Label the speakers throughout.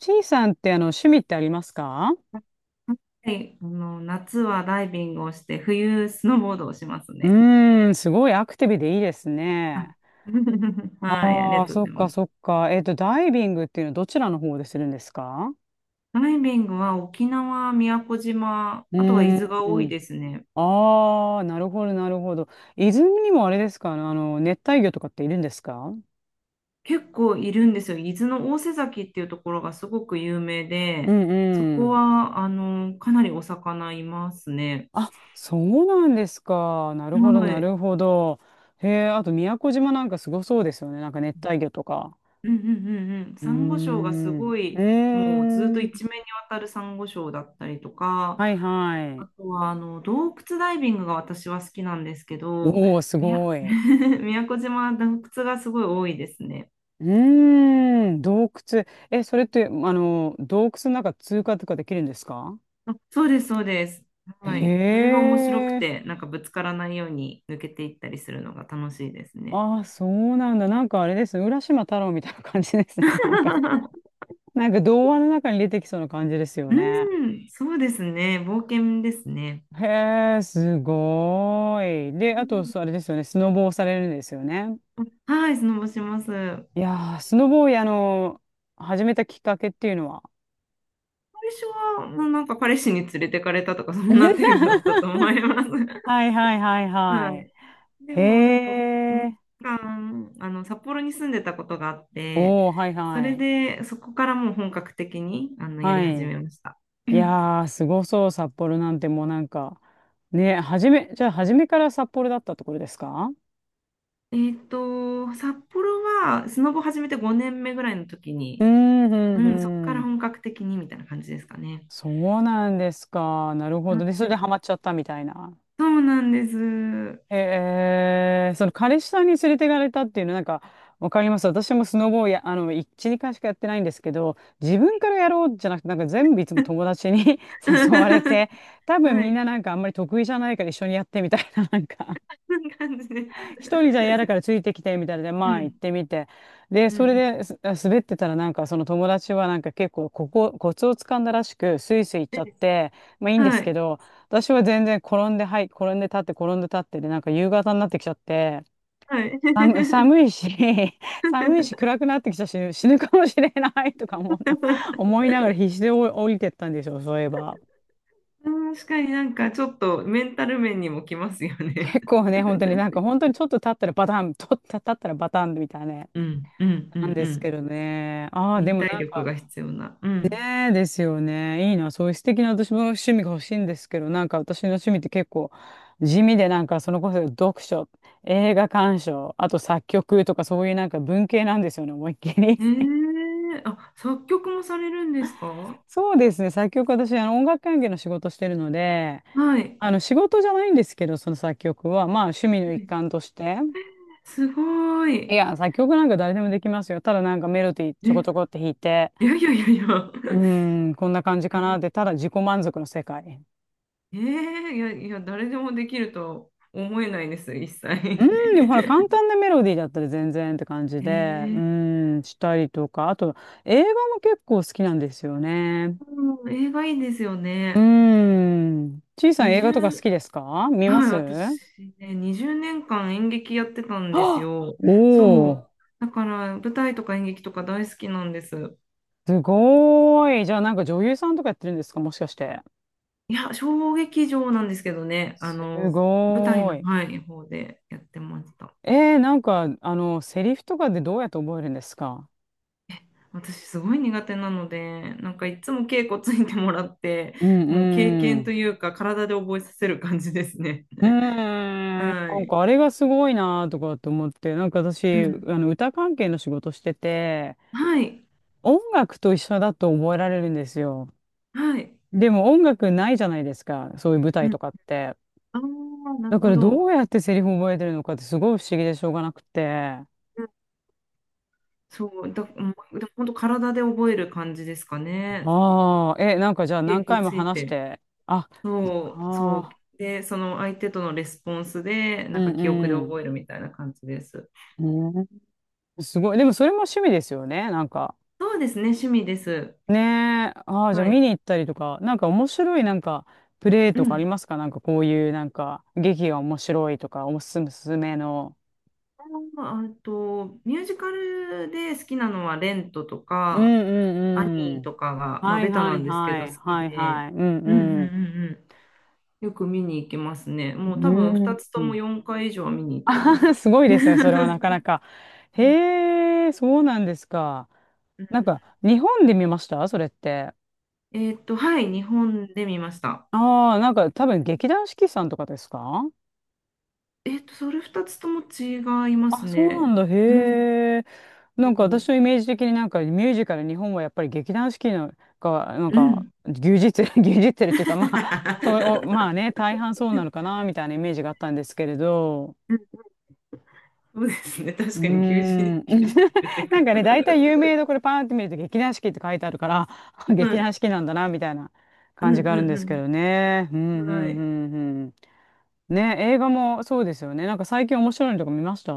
Speaker 1: ちいさんって趣味ってありますか？
Speaker 2: はい、夏はダイビングをして、冬スノーボードをします
Speaker 1: う
Speaker 2: ね。
Speaker 1: ーん、すごいアクティブでいいです
Speaker 2: あ。
Speaker 1: ね。
Speaker 2: はい、あり
Speaker 1: あ
Speaker 2: が
Speaker 1: あ、
Speaker 2: とうご
Speaker 1: そっ
Speaker 2: ざい
Speaker 1: か
Speaker 2: ます。
Speaker 1: そっか。ダイビングっていうのはどちらの方でするんですか？
Speaker 2: ダイビングは沖縄、宮古島、
Speaker 1: う
Speaker 2: あとは伊
Speaker 1: ー
Speaker 2: 豆が多い
Speaker 1: ん。
Speaker 2: ですね。
Speaker 1: ああ、なるほど、なるほど。泉にもあれですかあの熱帯魚とかっているんですか？
Speaker 2: 結構いるんですよ。伊豆の大瀬崎っていうところがすごく有名
Speaker 1: う
Speaker 2: で、
Speaker 1: ん
Speaker 2: そ
Speaker 1: う
Speaker 2: こ
Speaker 1: ん。
Speaker 2: は、かなりお魚いますね。
Speaker 1: あ、そうなんですか。なるほど、
Speaker 2: は
Speaker 1: な
Speaker 2: い。
Speaker 1: るほど。へえ、あと宮古島なんかすごそうですよね。なんか熱帯魚とか。
Speaker 2: うんうんうんうん。
Speaker 1: うー
Speaker 2: サンゴ礁がす
Speaker 1: ん。う
Speaker 2: ご
Speaker 1: ー
Speaker 2: い、もうずっと
Speaker 1: ん。
Speaker 2: 一面にわたるサンゴ礁だったりとか、
Speaker 1: はいはい。
Speaker 2: あとは、洞窟ダイビングが私は好きなんですけど、
Speaker 1: おお、す
Speaker 2: みや
Speaker 1: ごい。
Speaker 2: 宮古島は洞窟がすごい多いですね。
Speaker 1: うーん、洞窟。え、それって、洞窟の中通過とかできるんですか？
Speaker 2: あ、そうです、そうです。はい。それ
Speaker 1: へ
Speaker 2: が面白く
Speaker 1: え。
Speaker 2: て、なんかぶつからないように抜けていったりするのが楽しいですね。
Speaker 1: ああ、そうなんだ。なんかあれですね。浦島太郎みたいな感じですね。なんか、なんか童話の中に出てきそうな感じですよ
Speaker 2: う
Speaker 1: ね。
Speaker 2: ん、そうですね。冒険ですね。
Speaker 1: へえ、すごーい。
Speaker 2: う
Speaker 1: で、あと、
Speaker 2: ん。
Speaker 1: そうあれですよね。スノボをされるんですよね。
Speaker 2: はい、スノボします。最
Speaker 1: いやー、スノボを、始めたきっかけっていうのは。
Speaker 2: 初は、もうなんか彼氏に連れてかれたとか、そんな程度だったと思 います。
Speaker 1: はいはいはい
Speaker 2: は
Speaker 1: はい。
Speaker 2: い。で
Speaker 1: へ
Speaker 2: もなんか2
Speaker 1: え。
Speaker 2: 年間札幌に住んでたことがあって、
Speaker 1: おお、はい
Speaker 2: そ
Speaker 1: は
Speaker 2: れ
Speaker 1: い。
Speaker 2: でそこからもう本格的にやり
Speaker 1: は
Speaker 2: 始
Speaker 1: い。
Speaker 2: めました。う
Speaker 1: い
Speaker 2: ん。
Speaker 1: やー、すごそう、札幌なんてもうなんか、ね、初め、じゃあ初めから札幌だったところですか？
Speaker 2: 札幌はスノボ始めて5年目ぐらいの時
Speaker 1: うー
Speaker 2: に、
Speaker 1: ん、う
Speaker 2: う
Speaker 1: ん、
Speaker 2: ん、そこか
Speaker 1: う
Speaker 2: ら
Speaker 1: ん。
Speaker 2: 本格的にみたいな感じですかね。
Speaker 1: そうなんですか。なるほど。で、
Speaker 2: あ、
Speaker 1: それでハマっちゃったみたいな。
Speaker 2: そうなんです。
Speaker 1: えー、その彼氏さんに連れて行かれたっていうの、なんか、わかります。私もスノボをや、いちに2しかやってないんですけど、自分からやろうじゃなくて、なんか全部いつも友達に 誘われ て、多分
Speaker 2: は
Speaker 1: みん
Speaker 2: い。
Speaker 1: ななんかあんまり得意じゃないから一緒にやってみたいな、なんか
Speaker 2: そんな感じで
Speaker 1: 一人じゃ
Speaker 2: す。
Speaker 1: 嫌だからついてきて、みたいなで、
Speaker 2: う
Speaker 1: まあ行っ
Speaker 2: ん
Speaker 1: てみて。で、
Speaker 2: うんう
Speaker 1: それ
Speaker 2: ん。
Speaker 1: です滑ってたらなんかその友達はなんか結構ここ、コツをつかんだらしく、スイスイ行っちゃっ
Speaker 2: で、
Speaker 1: て、まあいいんで
Speaker 2: は
Speaker 1: すけ
Speaker 2: い。
Speaker 1: ど、私は全然転んで、はい、転んで立って、転んで立ってで、なんか夕方になってきちゃって、
Speaker 2: はい。
Speaker 1: 寒いし、寒いし 暗くなってきたし、死ぬかもしれない とか思うね、思いながら必死で降りてったんでしょ、そういえば。
Speaker 2: 確かになんかちょっとメンタル面にもきますよね。
Speaker 1: 結構ね、本当になんか 本当にちょっと立ったらバタン、と立ったらバタンみたいなね。
Speaker 2: うんうんうん
Speaker 1: なんで
Speaker 2: う
Speaker 1: すけ
Speaker 2: ん。
Speaker 1: どね。ああ、で
Speaker 2: 忍
Speaker 1: も
Speaker 2: 耐
Speaker 1: なん
Speaker 2: 力
Speaker 1: か、
Speaker 2: が必要な。うん。
Speaker 1: ねえですよね。いいな。そういう素敵な私も趣味が欲しいんですけど、なんか私の趣味って結構地味で、なんかそのこそ読書、映画鑑賞、あと作曲とかそういうなんか文系なんですよね、思いっきり。
Speaker 2: ええ、あ、作曲もされるんですか？
Speaker 1: そうですね。作曲私、音楽関係の仕事してるので、
Speaker 2: はい。
Speaker 1: 仕事じゃないんですけど、その作曲は、まあ趣味の一環として。
Speaker 2: すご
Speaker 1: い
Speaker 2: い。
Speaker 1: や、作曲なんか誰でもできますよ。ただなんかメロディーち
Speaker 2: え、
Speaker 1: ょこちょこっ
Speaker 2: い
Speaker 1: て弾いて、
Speaker 2: やいやいやいや。
Speaker 1: うーん、こんな感じか
Speaker 2: 誰
Speaker 1: なって、ただ自己満足の世界。
Speaker 2: えーいやいや、誰でもできるとは思えないです、一
Speaker 1: うーん、
Speaker 2: 切。
Speaker 1: でもほら、簡単なメロディーだったら全然って感 じ
Speaker 2: え
Speaker 1: で、う
Speaker 2: ー
Speaker 1: ーん、したりとか、あと、映画も結構好きなんですよね。
Speaker 2: うん、映画いいですよ
Speaker 1: うー
Speaker 2: ね。
Speaker 1: ん、ちいさん映画とか好
Speaker 2: 20
Speaker 1: きですか？見ま
Speaker 2: はい、
Speaker 1: す？
Speaker 2: 私ね、20年間演劇やってたんです
Speaker 1: あ、
Speaker 2: よ。そ
Speaker 1: おお
Speaker 2: う。
Speaker 1: ー、
Speaker 2: だから、舞台とか演劇とか大好きなんです。
Speaker 1: すごーい。じゃあなんか女優さんとかやってるんですか？もしかして。
Speaker 2: いや、小劇場なんですけどね、
Speaker 1: す
Speaker 2: 舞台
Speaker 1: ご
Speaker 2: の、
Speaker 1: ーい。
Speaker 2: はい、方でやってました。
Speaker 1: えー、なんか、セリフとかでどうやって覚えるんですか？
Speaker 2: 私、すごい苦手なので、なんかいつも稽古ついてもらって、
Speaker 1: うん
Speaker 2: もう経
Speaker 1: う
Speaker 2: 験と
Speaker 1: ん。
Speaker 2: いうか、体で覚えさせる感じですね。
Speaker 1: うーん、な
Speaker 2: は
Speaker 1: ん
Speaker 2: い。
Speaker 1: かあれがすごいなとかと思って、なんか
Speaker 2: う
Speaker 1: 私、
Speaker 2: ん。
Speaker 1: 歌関係の仕事してて、
Speaker 2: はい。
Speaker 1: 音楽と一緒だと覚えられるんですよ。
Speaker 2: はい。
Speaker 1: でも音楽ないじゃないですか、そういう舞
Speaker 2: う
Speaker 1: 台
Speaker 2: ん。
Speaker 1: とかって。
Speaker 2: ああ、な
Speaker 1: だ
Speaker 2: る
Speaker 1: か
Speaker 2: ほ
Speaker 1: らど
Speaker 2: ど。
Speaker 1: うやってセリフ覚えてるのかってすごい不思議でしょうがなくて。
Speaker 2: そう、だ、うん。でも本当体で覚える感じですかね。
Speaker 1: ああ、え、なんかじゃあ何
Speaker 2: 結構
Speaker 1: 回も
Speaker 2: つい
Speaker 1: 話し
Speaker 2: て。
Speaker 1: て、あ、
Speaker 2: そう、そう。
Speaker 1: ああ
Speaker 2: で、その相手とのレスポンスで、
Speaker 1: ー、
Speaker 2: な
Speaker 1: う
Speaker 2: んか記憶で
Speaker 1: ん
Speaker 2: 覚えるみたいな感じです。
Speaker 1: うん。うん、すごい。でもそれも趣味ですよね、なんか。
Speaker 2: そうですね、趣味です。
Speaker 1: ねえ。ああ、じゃあ
Speaker 2: は
Speaker 1: 見
Speaker 2: い。
Speaker 1: に行ったりとか、なんか面白いなんかプレイ
Speaker 2: う
Speaker 1: とかあ
Speaker 2: ん。
Speaker 1: りますか？なんかこういうなんか劇が面白いとか、おすすめの。
Speaker 2: あと、ミュージカルで好きなのは、レントと
Speaker 1: うん
Speaker 2: か、ア
Speaker 1: うん
Speaker 2: ニ
Speaker 1: う
Speaker 2: ーと
Speaker 1: ん。
Speaker 2: かが、まあ、
Speaker 1: はい
Speaker 2: ベタ
Speaker 1: は
Speaker 2: な
Speaker 1: い
Speaker 2: んですけ
Speaker 1: は
Speaker 2: ど、
Speaker 1: い。
Speaker 2: 好き
Speaker 1: はい
Speaker 2: で。
Speaker 1: はい。うん
Speaker 2: うんうんうん
Speaker 1: うん。
Speaker 2: うん。よく見に行きますね。もう多分2つ
Speaker 1: う
Speaker 2: とも
Speaker 1: ん。
Speaker 2: 4回以上は見に行ってま
Speaker 1: うん
Speaker 2: す。
Speaker 1: すごいですね。それはなかな か。
Speaker 2: うん
Speaker 1: へえ、そうなんですか。
Speaker 2: うん。
Speaker 1: なんか日本で見ました？それって。
Speaker 2: はい、日本で見ました。
Speaker 1: ああ、なんか多分劇団四季さんとかですか？
Speaker 2: それ2つとも違いま
Speaker 1: あ、
Speaker 2: す
Speaker 1: そうなん
Speaker 2: ね。
Speaker 1: だ。
Speaker 2: うん。
Speaker 1: へえ。な
Speaker 2: そ
Speaker 1: んか私
Speaker 2: う。
Speaker 1: のイメージ的になんかミュージカル、日本はやっぱり劇団四季のが、なん
Speaker 2: う
Speaker 1: か
Speaker 2: ん。
Speaker 1: 牛耳ってる、牛耳ってるっていうか、まあ、そう、お まあね、大半そうなのかな、みたいなイメージがあったんですけれど。
Speaker 2: うん、そうですね。
Speaker 1: う
Speaker 2: 確
Speaker 1: ー
Speaker 2: かに牛耳、
Speaker 1: ん。
Speaker 2: 牛耳ってるってい
Speaker 1: なんかね、大
Speaker 2: う
Speaker 1: 体有名どころパーンって見ると劇団四季って書いてあるから、
Speaker 2: か。は
Speaker 1: 劇団四
Speaker 2: い。
Speaker 1: 季なんだな、みたいな
Speaker 2: う
Speaker 1: 感
Speaker 2: ん
Speaker 1: じがある
Speaker 2: う
Speaker 1: んですけ
Speaker 2: ん
Speaker 1: どね。うん、う
Speaker 2: う
Speaker 1: ん、
Speaker 2: ん。は
Speaker 1: う
Speaker 2: い。
Speaker 1: ん、うん。ね、映画もそうですよね。なんか最近面白いのとか見ました？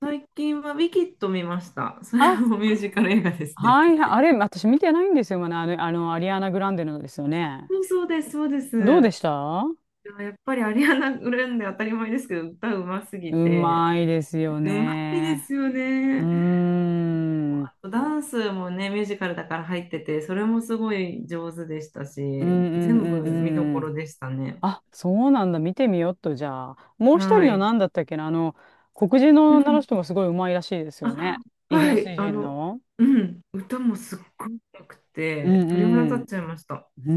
Speaker 2: 最近はウィキッド見ました。それ
Speaker 1: あ、
Speaker 2: もミュージカル映画ですね。
Speaker 1: はいはい、あれ、私見てないんですよ、まだ、アリアナ・グランデのですよね。
Speaker 2: そうそうです、そうです。
Speaker 1: どうでした？
Speaker 2: でもやっぱりアリアナ・グランデ当たり前ですけど、歌うます
Speaker 1: う
Speaker 2: ぎて、
Speaker 1: まいですよ
Speaker 2: うまいで
Speaker 1: ね。
Speaker 2: すよ
Speaker 1: うー
Speaker 2: ね。
Speaker 1: ん。うん
Speaker 2: あとダンスもね、ミュージカルだから入ってて、それもすごい上手でした
Speaker 1: うん
Speaker 2: し、
Speaker 1: う
Speaker 2: 全部見ど
Speaker 1: んう
Speaker 2: ころ
Speaker 1: ん。
Speaker 2: でしたね。
Speaker 1: あ、そうなんだ。見てみよっと、じゃあ。もう一
Speaker 2: は
Speaker 1: 人の
Speaker 2: い。
Speaker 1: 何だったっけな、黒人の
Speaker 2: う
Speaker 1: 女の
Speaker 2: ん。
Speaker 1: 人がすごいうまいらしいですよね。
Speaker 2: あ、
Speaker 1: イギリ
Speaker 2: は
Speaker 1: ス
Speaker 2: い。
Speaker 1: 人の。
Speaker 2: うん。歌もすっごい良く
Speaker 1: う
Speaker 2: て、鳥肌立っ
Speaker 1: ん
Speaker 2: ちゃいました。
Speaker 1: うん。う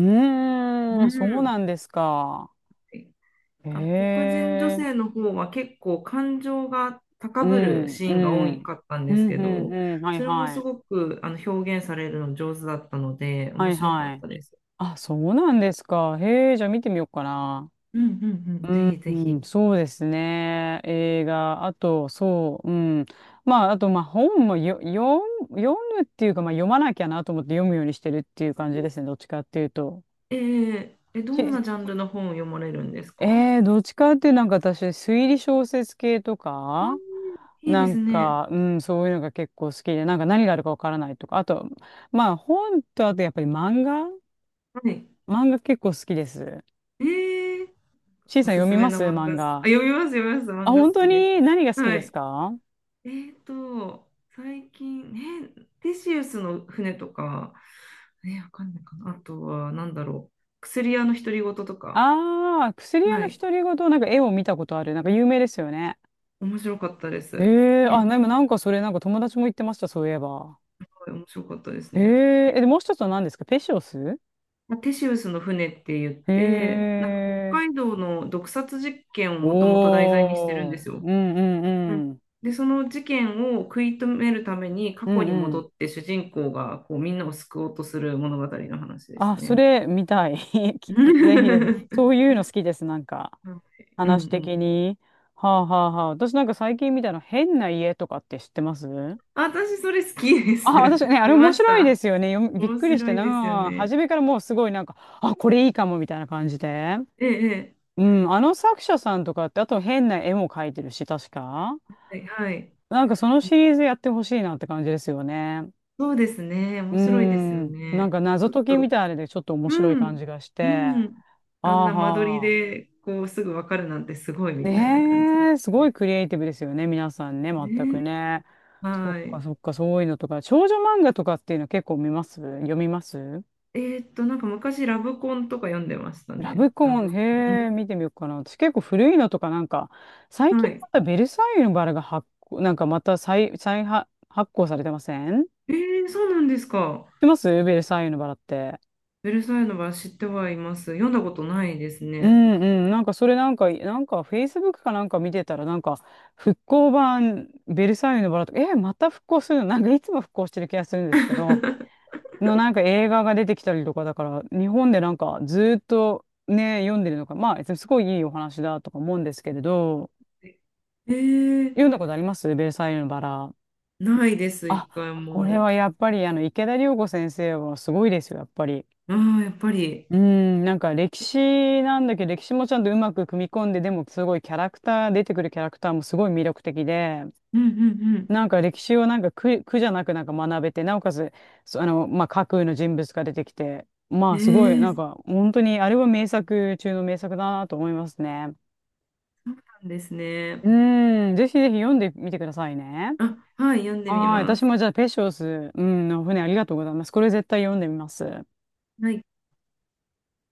Speaker 1: ー
Speaker 2: う
Speaker 1: ん、そうな
Speaker 2: ん。
Speaker 1: んですか。へ
Speaker 2: あの黒人女
Speaker 1: え。
Speaker 2: 性の方は結構感情が
Speaker 1: う
Speaker 2: 高ぶる
Speaker 1: ん
Speaker 2: シ
Speaker 1: う
Speaker 2: ーンが多
Speaker 1: ん。
Speaker 2: かったん
Speaker 1: う
Speaker 2: で
Speaker 1: ん
Speaker 2: すけ
Speaker 1: うん
Speaker 2: ど、
Speaker 1: うん。はい
Speaker 2: それも
Speaker 1: は
Speaker 2: す
Speaker 1: い。
Speaker 2: ごく表現されるの上手だったので、
Speaker 1: は
Speaker 2: 面
Speaker 1: い
Speaker 2: 白かっ
Speaker 1: はい。
Speaker 2: たです。
Speaker 1: あ、そうなんですか。へえ、じゃあ見てみようかな。
Speaker 2: うんうんうん。
Speaker 1: う
Speaker 2: ぜ
Speaker 1: ん、
Speaker 2: ひ
Speaker 1: う
Speaker 2: ぜひ。
Speaker 1: んそうですね。映画、あと、そう、うん。まあ、あと、まあ、本もよ、読む、読むっていうか、まあ、読まなきゃなと思って読むようにしてるっていう感じですね。どっちかっていうと。
Speaker 2: え、どん
Speaker 1: し
Speaker 2: なジャンルの本を読まれるんですか？
Speaker 1: えー、どっちかっていうとなんか私、推理小説系と
Speaker 2: あ、
Speaker 1: か、
Speaker 2: いいで
Speaker 1: な
Speaker 2: す
Speaker 1: ん
Speaker 2: ね。
Speaker 1: か、うん、そういうのが結構好きで、なんか何があるかわからないとか、あと、まあ、本と、あとやっぱり
Speaker 2: はい。
Speaker 1: 漫画結構好きです。
Speaker 2: えー、
Speaker 1: C
Speaker 2: お
Speaker 1: さん
Speaker 2: す
Speaker 1: 読
Speaker 2: す
Speaker 1: み
Speaker 2: め
Speaker 1: ま
Speaker 2: の
Speaker 1: す？
Speaker 2: 漫画。
Speaker 1: 漫
Speaker 2: あ、
Speaker 1: 画。
Speaker 2: 読みます、読みます。
Speaker 1: あ、
Speaker 2: 漫画
Speaker 1: 本
Speaker 2: 好
Speaker 1: 当
Speaker 2: きです。
Speaker 1: に何が好き
Speaker 2: は
Speaker 1: です
Speaker 2: い。
Speaker 1: か？
Speaker 2: えーと、最近、ね、テシウスの船とか、ね、わかんないかな。あとは、なんだろう。薬屋の独り言とか。
Speaker 1: ああー、薬屋
Speaker 2: は
Speaker 1: の
Speaker 2: い。
Speaker 1: 独り言、なんか絵を見たことある。なんか有名ですよね。
Speaker 2: 面白かったです。は
Speaker 1: ええあ、でもなんかそれなんか友達も言ってました、そういえば。
Speaker 2: い。面白かったです
Speaker 1: え
Speaker 2: ね。
Speaker 1: ええ、で、もう一つは何ですか？ペシオス？
Speaker 2: まあテシウスの船って言っ
Speaker 1: へ
Speaker 2: て、なんか北
Speaker 1: え
Speaker 2: 海道の毒殺実験をもともと題材にしてるん
Speaker 1: お
Speaker 2: で
Speaker 1: ー。
Speaker 2: す
Speaker 1: う
Speaker 2: よ。
Speaker 1: んうん
Speaker 2: うん。
Speaker 1: うん。
Speaker 2: で、その事件を食い止めるために
Speaker 1: う
Speaker 2: 過去
Speaker 1: ん
Speaker 2: に
Speaker 1: う
Speaker 2: 戻
Speaker 1: ん。
Speaker 2: って主人公がこうみんなを救おうとする物語の話です
Speaker 1: あ、そ
Speaker 2: ね。
Speaker 1: れ見たい。
Speaker 2: う
Speaker 1: きぜひぜひ。そ
Speaker 2: ん
Speaker 1: ういうの好きです、なんか。
Speaker 2: う
Speaker 1: 話的
Speaker 2: ん。
Speaker 1: に。はあはあはあ。私なんか最近見たの変な家とかって知ってます？
Speaker 2: あ、私それ好きで
Speaker 1: あ、
Speaker 2: す。
Speaker 1: 私ね、あれ
Speaker 2: 見ま
Speaker 1: 面
Speaker 2: し
Speaker 1: 白いで
Speaker 2: た。
Speaker 1: すよね。よびっ
Speaker 2: 面
Speaker 1: くりし
Speaker 2: 白
Speaker 1: て
Speaker 2: いですよ
Speaker 1: な。
Speaker 2: ね。
Speaker 1: 初めからもうすごいなんか、あ、これいいかもみたいな感じで。
Speaker 2: ええ、
Speaker 1: うん、あの作者さんとかって、あと変な絵も描いてるし、確か。
Speaker 2: ええ、はい、はい、
Speaker 1: なんかそのシリーズやってほしいなって感じですよね。
Speaker 2: そうですね。
Speaker 1: う
Speaker 2: 面白いですよ
Speaker 1: ん、なん
Speaker 2: ね。
Speaker 1: か
Speaker 2: ち
Speaker 1: 謎
Speaker 2: ょっ
Speaker 1: 解き
Speaker 2: と、
Speaker 1: みたいなのでちょっと面
Speaker 2: う
Speaker 1: 白い感
Speaker 2: ん、
Speaker 1: じがし
Speaker 2: う
Speaker 1: て。
Speaker 2: ん。あん
Speaker 1: あー
Speaker 2: な間取り
Speaker 1: はー。
Speaker 2: でこうすぐわかるなんてすごいみたいな感じです
Speaker 1: ねえ、すごい
Speaker 2: ね。
Speaker 1: クリエイティブですよね、皆さんね、全
Speaker 2: ね
Speaker 1: くね。
Speaker 2: え。
Speaker 1: そっ
Speaker 2: はい。
Speaker 1: かそっか、そういうのとか。少女漫画とかっていうの結構見ます？読みます？
Speaker 2: なんか昔ラブコンとか読んでました
Speaker 1: ラ
Speaker 2: ね。
Speaker 1: ブコ
Speaker 2: ラ
Speaker 1: ン、
Speaker 2: ブコ
Speaker 1: へえ、
Speaker 2: ン。
Speaker 1: 見てみようかな。私結構古いのとかなんか、最
Speaker 2: うん。は
Speaker 1: 近
Speaker 2: い。
Speaker 1: またベルサイユのバラが発行、なんかまた再発、発行されてません？知っ
Speaker 2: えー、そうなんですか。
Speaker 1: てますベルサイユのバラって。
Speaker 2: ベルサイユのばら知ってはいます。読んだことないです
Speaker 1: う
Speaker 2: ね。
Speaker 1: んうん。なんかそれなんか、なんかフェイスブックかなんか見てたらなんか、復興版ベルサイユのバラとか、え、また復興するの？なんかいつも復興してる気がするんですけど、のなんか映画が出てきたりとかだから、日本でなんかずーっとね、読んでるのか、まあ、すごいいいお話だとか思うんですけれど、
Speaker 2: えー、
Speaker 1: 読んだことありますベルサイユのバラ。
Speaker 2: ないです、
Speaker 1: あ、
Speaker 2: 一回
Speaker 1: これ
Speaker 2: も。
Speaker 1: はやっぱりあの池田涼子先生はすごいですよ、やっぱり。
Speaker 2: ああ、やっぱり。
Speaker 1: うーん、なんか歴史なんだけど、歴史もちゃんとうまく組み込んで、でもすごいキャラクター、出てくるキャラクターもすごい魅力的で、
Speaker 2: うんうん
Speaker 1: なんか歴史をなんか苦じゃなくなんか学べて、なおかつ、そあの、まあ、架空の人物が出てきて、ま
Speaker 2: う
Speaker 1: あ
Speaker 2: ん。
Speaker 1: すごい、
Speaker 2: え
Speaker 1: な
Speaker 2: ー、
Speaker 1: ん
Speaker 2: そう
Speaker 1: か本当にあれは名作中の名作だなと思いますね。
Speaker 2: なんですね。
Speaker 1: うーん、ぜひぜひ読んでみてくださいね。
Speaker 2: あ、はい、読んでみ
Speaker 1: はい。
Speaker 2: ま
Speaker 1: 私
Speaker 2: す。
Speaker 1: もじゃあ、ペショス、うん、の船ありがとうございます。これ絶対読んでみます。
Speaker 2: はい。